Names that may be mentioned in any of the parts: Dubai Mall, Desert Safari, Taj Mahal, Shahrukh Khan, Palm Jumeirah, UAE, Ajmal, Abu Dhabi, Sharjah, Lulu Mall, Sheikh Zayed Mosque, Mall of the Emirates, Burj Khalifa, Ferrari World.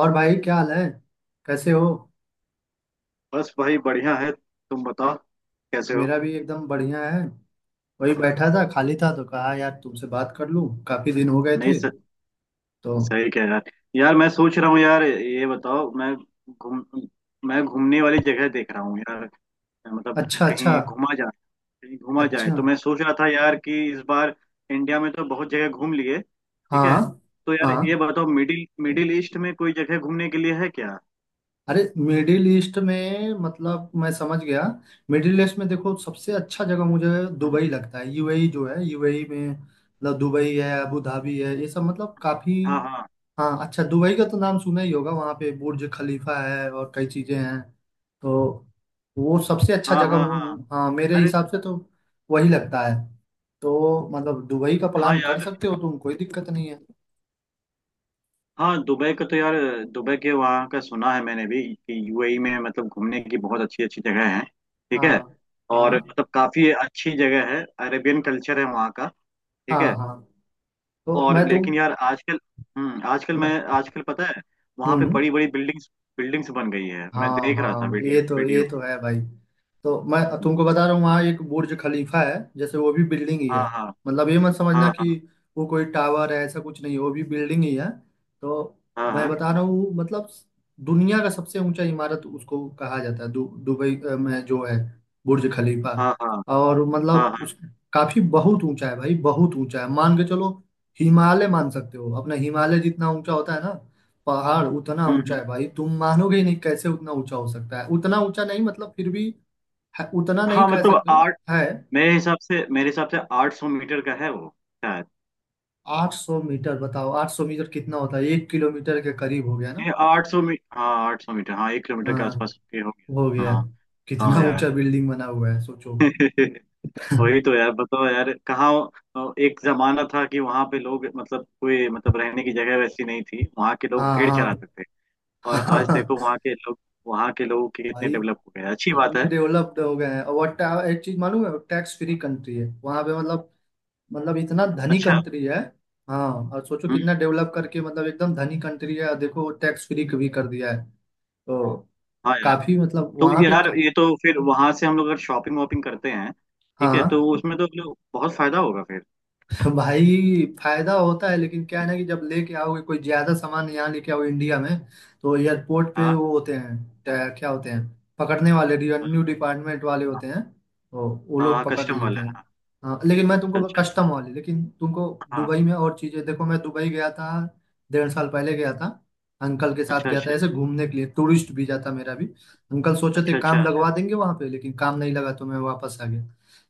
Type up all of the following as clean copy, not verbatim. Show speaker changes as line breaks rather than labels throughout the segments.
और भाई क्या हाल है कैसे हो।
बस भाई बढ़िया है। तुम बताओ, कैसे हो?
मेरा भी एकदम बढ़िया है। वही बैठा था खाली था तो कहा यार तुमसे बात कर लूं काफी दिन हो गए
नहीं
थे तो।
सही कह यार। यार मैं सोच रहा हूँ, यार ये बताओ। घूम मैं घूमने वाली जगह देख रहा हूँ यार। मतलब
अच्छा अच्छा।
कहीं घूमा जाए। कहीं घूमा जाए
अच्छा।
तो मैं सोच रहा था यार कि इस बार इंडिया में तो बहुत जगह घूम लिए, ठीक है।
हाँ
तो यार ये
हाँ।
बताओ, मिडिल मिडिल ईस्ट में कोई जगह घूमने के लिए है क्या?
अरे मिडिल ईस्ट में मतलब मैं समझ गया। मिडिल ईस्ट में देखो सबसे अच्छा जगह मुझे
हम्म।
दुबई लगता है। यूएई जो है यूएई में मतलब दुबई है अबू धाबी है ये सब मतलब काफी।
हाँ हाँ।
हाँ। अच्छा दुबई का तो नाम सुना ही होगा वहाँ पे बुर्ज खलीफा है और कई चीजें हैं। तो वो सबसे अच्छा
हाँ
जगह
हाँ हाँ।
हाँ मेरे
अरे
हिसाब से तो वही लगता है। तो मतलब दुबई का
हाँ
प्लान कर
यार।
सकते हो तुम कोई दिक्कत नहीं है।
हाँ, दुबई का तो यार, दुबई के वहाँ का सुना है मैंने भी कि यूएई में मतलब घूमने की बहुत अच्छी अच्छी जगह है, ठीक है।
हाँ
और
हाँ
मतलब काफी अच्छी जगह है। अरेबियन कल्चर है वहाँ का, ठीक
हाँ
है।
हाँ। तो
और लेकिन यार आजकल, हम्म, आजकल
मैं-
मैं, आजकल पता है वहाँ पे
हम्म
बड़ी बड़ी बिल्डिंग्स बिल्डिंग्स बन गई है, मैं
हाँ
देख रहा था
हाँ
वीडियो
ये
वीडियो।
तो है भाई। तो मैं
हम्म,
तुमको बता रहा हूँ वहाँ एक बुर्ज खलीफा है जैसे वो भी बिल्डिंग ही है।
हाँ हाँ
मतलब ये मत समझना
हाँ
कि वो कोई टावर है ऐसा कुछ नहीं है, वो भी बिल्डिंग ही है। तो
हाँ
मैं
हाँ
बता रहा हूँ मतलब दुनिया का सबसे ऊंचा इमारत उसको कहा जाता है दुबई में जो है बुर्ज खलीफा।
हाँ हाँ हाँ
और
हाँ
मतलब
हाँ।
उस। काफी बहुत ऊंचा है भाई बहुत ऊंचा है मान के चलो। हिमालय मान सकते हो अपना हिमालय जितना ऊंचा होता है ना। पहाड़ उतना
हम्म।
ऊंचा है
हम्म।
भाई तुम मानोगे ही नहीं कैसे उतना ऊंचा हो सकता है उतना ऊंचा नहीं मतलब फिर भी है, उतना नहीं
हाँ,
कह
मतलब
सकते हो
आठ,
है।
मेरे हिसाब से 800 मीटर का है वो।
800 मीटर बताओ 800 मीटर कितना होता है 1 किलोमीटर के करीब हो गया ना।
ये 800 मीटर, हाँ 800 मीटर, हाँ 1 किलोमीटर के
हाँ
आसपास के हो
हो
गया,
गया।
हाँ। हाँ
कितना
यार।
ऊंचा बिल्डिंग बना हुआ है सोचो।
वही तो यार बताओ यार कहाँ। एक जमाना था कि वहां पे लोग मतलब कोई मतलब रहने की जगह वैसी नहीं थी, वहां के लोग
हाँ
भेड़
हाँ
चराते थे।
हाँ
और आज
हाँ।
देखो वहां के लोग, वहां के लोग कितने
भाई
डेवलप हो गए, अच्छी बात
इतने
है।
डेवलप्ड हो गए हैं और एक चीज मालूम है टैक्स फ्री कंट्री है वहां पे मतलब इतना धनी
अच्छा।
कंट्री है। हाँ। और सोचो
हम्म।
कितना डेवलप करके मतलब एकदम धनी कंट्री है और देखो टैक्स फ्री भी कर दिया है। तो
हाँ यार।
काफी मतलब
तो
वहां पे
यार
का।
ये तो फिर वहां से हम लोग अगर शॉपिंग वॉपिंग करते हैं, ठीक है, तो
हाँ
उसमें तो लोग- बहुत फायदा होगा फिर।
भाई फायदा होता है लेकिन क्या है ना कि जब लेके आओगे कोई ज्यादा सामान यहाँ लेके आओ इंडिया में तो एयरपोर्ट पे
हाँ,
वो होते हैं क्या होते हैं पकड़ने वाले रेवेन्यू डिपार्टमेंट वाले होते हैं तो वो लोग
हाँ
पकड़
कस्टम
लेते
वाला है,
हैं।
हाँ।
हाँ लेकिन मैं
अच्छा
तुमको
अच्छा।
कस्टम वाले लेकिन तुमको
हाँ।
दुबई में और चीजें देखो मैं दुबई गया था 1.5 साल पहले गया था। अंकल के साथ
अच्छा
गया था
अच्छा।
ऐसे घूमने के लिए टूरिस्ट वीजा था मेरा भी। अंकल सोचे थे
अच्छा।
काम
अच्छा
लगवा देंगे वहां पे लेकिन काम नहीं लगा तो मैं वापस आ गया।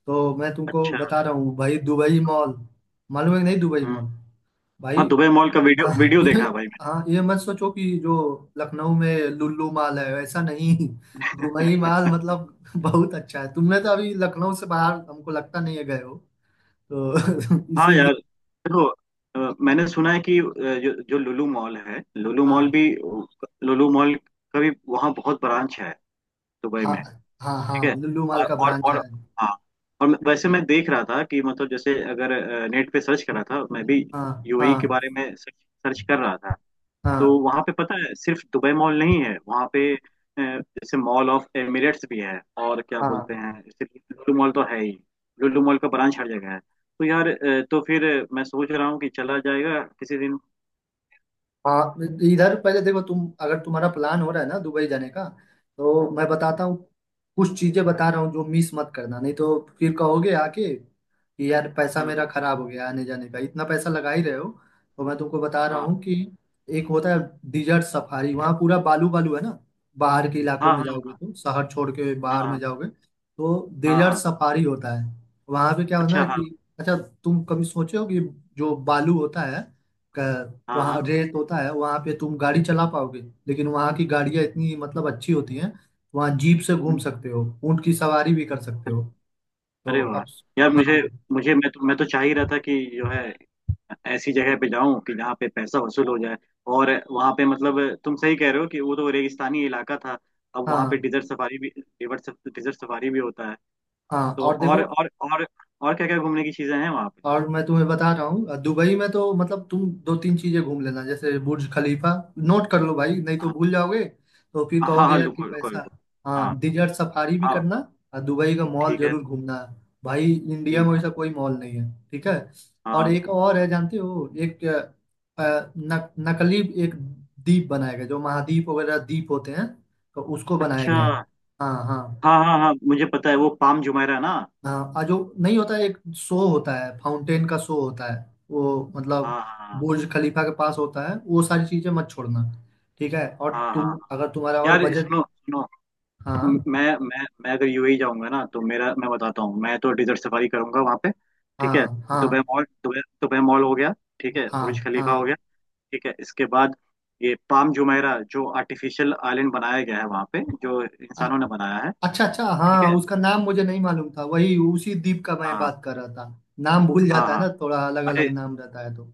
तो मैं तुमको
अच्छा।
बता रहा हूँ भाई दुबई मॉल मालूम है कि नहीं दुबई
हम्म।
मॉल भाई।
हाँ, दुबई मॉल का वीडियो
हाँ
वीडियो
ये
देखा है भाई मैंने।
हाँ ये मत सोचो कि जो लखनऊ में लुल्लू मॉल है ऐसा नहीं। दुबई मॉल मतलब बहुत अच्छा है तुमने तो अभी लखनऊ से बाहर हमको लगता नहीं है गए हो। तो
हाँ
इसीलिए।
यार देखो। मैंने सुना है कि जो जो लुलु मॉल है, लुलु मॉल
हाँ
भी लुलु मॉल का भी वहाँ बहुत ब्रांच है दुबई
हाँ
में,
हाँ
ठीक
हाँ
है।
लुल्लू मॉल
और
का
और
ब्रांच
और
है।
हाँ। और मैं- वैसे मैं देख रहा था कि मतलब जैसे अगर नेट पे सर्च करा था मैं भी,
हाँ
यूएई के
हाँ
बारे में सर्च सर्च कर रहा था। तो
हाँ
वहां पे पता है सिर्फ दुबई मॉल नहीं है वहां पे। जैसे मॉल ऑफ एमिरेट्स भी है, और क्या बोलते
हाँ
हैं जैसे, लुलु मॉल तो है ही, लुलु मॉल का ब्रांच हर जगह है। तो यार, तो फिर मैं सोच रहा हूँ कि चला जाएगा किसी दिन।
हाँ। इधर पहले देखो तुम अगर तुम्हारा प्लान हो रहा है ना दुबई जाने का तो मैं
हम्म।
बताता हूँ कुछ चीजें बता रहा हूँ जो मिस मत करना नहीं तो फिर कहोगे आके कि यार पैसा मेरा
हम्म,
खराब हो गया आने जाने का इतना पैसा लगा ही रहे हो। तो मैं तुमको बता रहा हूँ
हाँ
कि एक होता है डिजर्ट सफारी वहाँ पूरा बालू बालू है ना। बाहर के इलाकों
हाँ
में जाओगे
हाँ
तुम शहर छोड़ के
हाँ
बाहर में
हाँ
जाओगे तो
हाँ
डिजर्ट
हाँ,
सफारी होता है। वहाँ पे क्या होता
अच्छा
है
हाँ
कि अच्छा तुम कभी सोचे हो कि जो बालू होता है
हाँ
वहाँ
हाँ।
रेत होता है वहाँ पे तुम गाड़ी चला पाओगे। लेकिन वहाँ की गाड़ियाँ इतनी मतलब अच्छी होती हैं। वहाँ जीप से घूम
हम्म।
सकते हो ऊँट की सवारी भी कर सकते हो। तो
अरे वाह।
अब।
यार, मुझे
हाँ
मुझे मैं तो चाह ही रहा था कि जो है, ऐसी जगह पे जाऊं कि जहाँ पे पैसा वसूल हो जाए। और वहां पे मतलब तुम सही कह रहे हो कि वो तो रेगिस्तानी इलाका था, अब वहां पे
हाँ
डिजर्ट सफारी भी, डिजर्ट सफारी भी होता है।
हाँ।
तो
और
और
देखो
और और और क्या क्या घूमने की चीजें हैं वहां पे?
और मैं तुम्हें बता रहा हूँ दुबई में तो मतलब तुम दो तीन चीजें घूम लेना जैसे बुर्ज खलीफा। नोट कर लो भाई नहीं तो
हाँ
भूल जाओगे। तो फिर
हाँ
कहोगे
हाँ।
यार कि
रुको रुको
पैसा।
रुको। हाँ
हाँ डिजर्ट सफारी भी
हाँ।
करना। और दुबई का मॉल
ठीक है।
जरूर घूमना। भाई इंडिया में
ठीक है।
वैसा कोई मॉल नहीं है ठीक है। और
हाँ
एक और है
हाँ।
जानते हो एक अ, अ, न, नकली एक द्वीप बनाया गया जो महाद्वीप वगैरह द्वीप होते हैं। तो उसको बनाया
अच्छा।
गया है। हाँ हाँ
हाँ हाँ हाँ, मुझे पता है वो पाम जुमेरा ना।
हाँ। आ जो नहीं होता है, एक शो होता है फाउंटेन का शो होता है। वो मतलब
हाँ हाँ
बुर्ज खलीफा के पास होता है वो सारी चीजें मत छोड़ना। ठीक है और
हाँ। हाँ।
तुम
हाँ।
अगर तुम्हारा और
यार
बजट।
सुनो सुनो।
हाँ
मैं अगर यूएई जाऊंगा ना तो मेरा, मैं बताता हूँ, मैं तो डिजर्ट सफारी करूंगा वहां पे, ठीक है।
हाँ
दुबई
हाँ
मॉल, दुबई दुबई मॉल हो गया, ठीक है। बुर्ज
हाँ
खलीफा हो
हाँ।
गया, ठीक है। इसके बाद ये पाम जुमेरा जो आर्टिफिशियल आइलैंड बनाया गया है वहां पे, जो
अ-
इंसानों ने बनाया है,
अच्छा अच्छा
ठीक
हाँ
है।
उसका नाम मुझे नहीं मालूम था वही उसी द्वीप का मैं
हाँ
बात कर रहा था। नाम भूल
हाँ
जाता है
हाँ।
ना थोड़ा अलग
अरे
अलग नाम रहता है तो।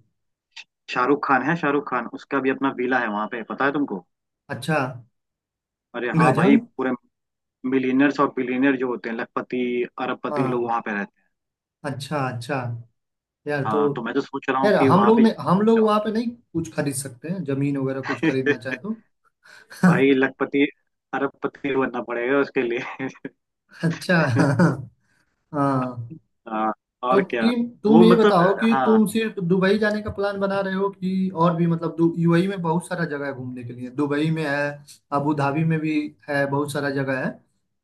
शाहरुख खान है, शाहरुख खान उसका भी अपना विला है वहां पे, पता है तुमको?
अच्छा।
अरे हाँ भाई,
गजब।
पूरे मिलियनर्स और बिलियनर जो होते हैं, लखपति अरबपति लोग
हाँ
वहां पे रहते हैं।
अच्छा अच्छा। यार तो।
हाँ तो मैं तो सोच रहा हूँ
यार
कि वहां पे
हम लोग वहाँ पे नहीं कुछ खरीद सकते हैं जमीन वगैरह कुछ
जाऊँ।
खरीदना चाहे तो।
भाई, लखपति अरबपति बनना पड़ेगा उसके लिए।
अच्छा हाँ हाँ।
हाँ।
तो
और क्या।
तीन तुम
वो
ये
मतलब,
बताओ कि
हाँ।
तुम सिर्फ दुबई जाने का प्लान बना रहे हो कि और भी मतलब यूएई में बहुत सारा जगह है घूमने के लिए दुबई में है अबू धाबी में भी है बहुत सारा जगह है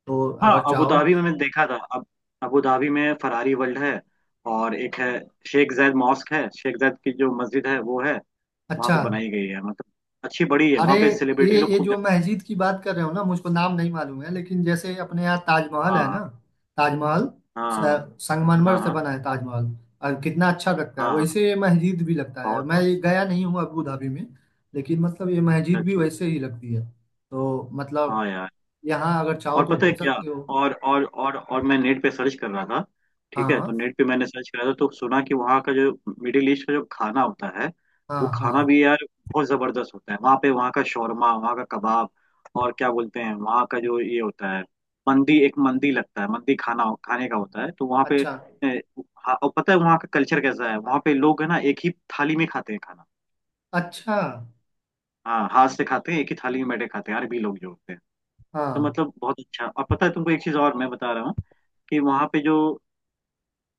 तो
हाँ
अगर
अबू
चाहो।
धाबी में मैंने देखा था। अब अबू धाबी में फरारी वर्ल्ड है, और एक है शेख जायद मॉस्क है, शेख जायद की जो मस्जिद है वो है, वहाँ
अच्छा।
पे बनाई गई है मतलब, अच्छी बड़ी है,
अरे
वहाँ पे सेलिब्रिटी
ये
लोग
ये
खूब
जो
जाते
मस्जिद की बात कर रहे हो ना मुझको नाम नहीं मालूम है लेकिन जैसे अपने यहाँ
हैं।
ताजमहल है ना।
हाँ
ताजमहल
हाँ
स-
हाँ
संगमरमर
हाँ
से
हाँ
बना है ताजमहल। और कितना अच्छा लगता है
हाँ हाँ,
वैसे ये मस्जिद भी लगता है
बहुत
मैं
बहुत।
ये गया नहीं हूँ अबू धाबी में। लेकिन मतलब ये
अच्छा
मस्जिद भी
अच्छा।
वैसे ही लगती है। तो मतलब
हाँ यार।
यहाँ अगर चाहो
और
तो
पता है
घूम
क्या,
सकते हो।
और मैं नेट पे सर्च कर रहा था, ठीक है? तो
हाँ
नेट पे मैंने सर्च करा था तो सुना कि वहाँ का जो मिडिल ईस्ट का जो खाना होता है,
हाँ
वो खाना
हाँ।
भी यार बहुत जबरदस्त होता है वहाँ पे। वहाँ का शौरमा, वहाँ का कबाब, और क्या बोलते हैं वहाँ का जो ये होता है, मंदी, एक मंदी लगता है, मंदी खाना खाने का होता है, तो वहाँ पे।
अच्छा
ए, हाँ, और पता है वहाँ का कल्चर कैसा है? वहाँ पे लोग है ना, एक ही थाली में खाते हैं खाना।
अच्छा।
हाँ, हाथ से खाते हैं, एक ही थाली में बैठे खाते हैं अरबी लोग जो होते हैं। तो
हाँ
मतलब बहुत अच्छा। और पता है तुमको, एक चीज और मैं बता रहा हूँ, कि वहाँ पे जो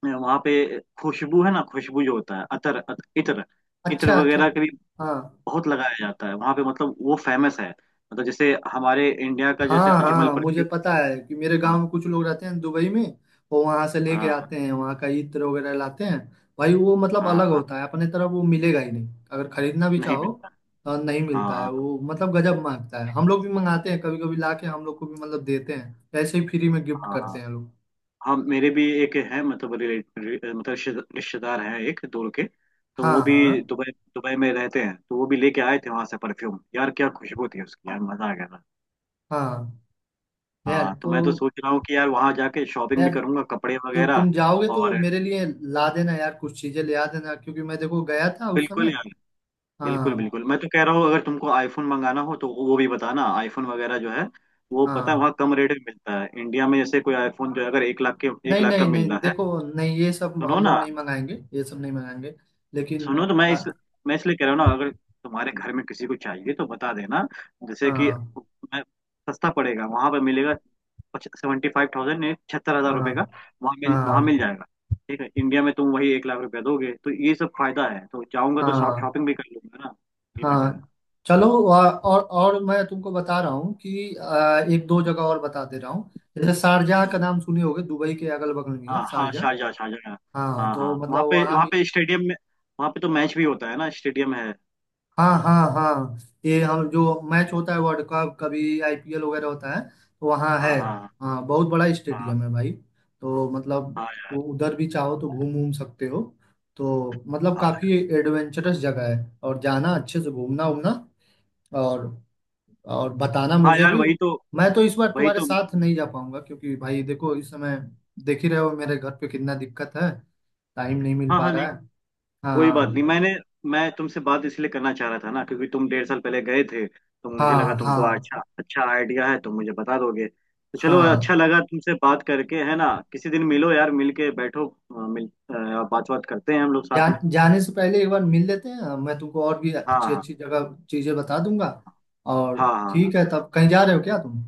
वहाँ पे खुशबू है ना, खुशबू जो होता है, इत्र, इत्र
अच्छा अच्छा।
वगैरह के भी
हाँ
बहुत लगाया जाता है वहाँ पे, मतलब वो फेमस है, मतलब जैसे हमारे इंडिया का जैसे
हाँ
अजमल
हाँ मुझे
परफ्यूम।
पता है कि मेरे गांव
हाँ
में कुछ लोग रहते हैं दुबई में। वो वहां से लेके
हाँ हाँ
आते हैं वहां का इत्र वगैरह लाते हैं। भाई वो मतलब
हाँ।
अलग
हाँ,
होता है अपने तरफ वो मिलेगा ही नहीं अगर खरीदना भी
नहीं
चाहो।
मिलता है।
नहीं
हाँ
मिलता है
हाँ
वो मतलब गजब मांगता है हम लोग भी मंगाते हैं कभी कभी ला के हम लोग को भी मतलब देते हैं ऐसे ही फ्री में गिफ्ट
हाँ हाँ।
करते हैं लोग।
हाँ मेरे भी एक है, मतलब रिलेट रि- मतलब रिश्ते- रिश्तेदार हैं एक दूर के, तो
हाँ
वो
हाँ
भी दुबई दुबई में रहते हैं, तो वो भी लेके आए थे वहां से परफ्यूम, यार क्या खुशबू थी उसकी, यार मजा आ गया था।
हाँ। यार
हाँ तो मैं तो
तो।
सोच रहा हूँ कि यार वहां जाके शॉपिंग भी
यार
करूंगा कपड़े
तो
वगैरह,
तुम जाओगे तो
और
मेरे लिए ला देना यार कुछ चीजें ले आ देना क्योंकि मैं देखो गया था उस
बिल्कुल
समय।
यार, बिल्कुल
हाँ
बिल्कुल मैं तो कह रहा हूँ, अगर तुमको आईफोन मंगाना हो तो वो भी बताना। आईफोन वगैरह जो है वो पता है
हाँ
वहाँ कम रेट में मिलता है। इंडिया में जैसे कोई आईफोन जो है, अगर एक
नहीं
लाख का
नहीं नहीं
मिल रहा है।
देखो नहीं ये सब
सुनो
हम लोग
ना,
नहीं मंगाएंगे ये सब नहीं मंगाएंगे। लेकिन
सुनो तो,
आ-
मैं इसलिए कह रहा हूँ ना, अगर तुम्हारे घर में किसी को चाहिए तो बता देना, जैसे कि
हाँ
मैं, सस्ता पड़ेगा वहां पर मिलेगा, 75,000, छिहत्तर हजार
हाँ
रुपये का वहां मिल
हाँ
जाएगा, ठीक है। इंडिया में तुम वही 1 लाख रुपया दोगे, तो ये सब फायदा है, तो जाऊंगा तो
हाँ
शॉपिंग भी कर लूंगा ना, ये मैं कह रहा हूँ।
हाँ चलो और मैं तुमको बता रहा हूँ कि एक दो
हम्म।
जगह और बता दे रहा हूँ। जैसे शारजाह का
हम्म,
नाम सुने होगे दुबई के अगल बगल में ही है
हाँ हाँ
शारजाह।
शारजा शारजा, हाँ।
हाँ
हाँ
तो
हाँ, वहाँ
मतलब
पे
वहाँ
वहाँ
भी।
पे स्टेडियम में, वहाँ पे तो मैच भी होता है ना, स्टेडियम है।
हाँ हाँ हाँ ये हम जो मैच होता है वर्ल्ड कप कभी आईपीएल वगैरह होता है तो वहाँ है।
हाँ हाँ
हाँ बहुत बड़ा
हाँ।
स्टेडियम है भाई। तो मतलब
हाँ यार।
वो उधर भी चाहो तो घूम घूम सकते हो। तो मतलब
हाँ
काफी एडवेंचरस जगह है और जाना अच्छे से घूमना उमना और और बताना
हाँ
मुझे
यार
भी।
वही तो,
मैं तो इस बार
वही
तुम्हारे
तो।
साथ नहीं जा पाऊंगा क्योंकि भाई देखो इस समय देख ही रहे हो मेरे घर पे कितना दिक्कत है टाइम नहीं मिल
हाँ
पा
हाँ।
रहा
नहीं,
है।
कोई बात नहीं।
हाँ
मैंने, मैं तुमसे बात इसलिए करना चाह रहा था ना क्योंकि तुम 1.5 साल पहले गए थे, तो मुझे लगा
हाँ
तुमको
हाँ
अच्छा अच्छा आइडिया है तो मुझे बता दोगे। तो चलो अच्छा
हाँ
लगा तुमसे बात करके, है ना? किसी दिन मिलो यार, मिल के बैठो, मिल बात बात करते हैं हम लोग साथ में।
जान जाने से पहले एक बार मिल लेते हैं मैं तुमको और भी
हाँ
अच्छी
हाँ
अच्छी जगह चीजें बता दूंगा। और।
हाँ हाँ।
ठीक है तब कहीं जा रहे हो क्या तुम।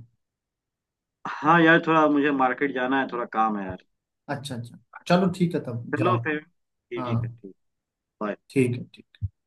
हाँ यार, थोड़ा मुझे मार्केट जाना है, थोड़ा काम है यार।
अच्छा अच्छा। चलो ठीक है तब
चलो
जाओ।
फिर,
हाँ
ठीक है, ठीक। बाय।
ठीक है ठीक।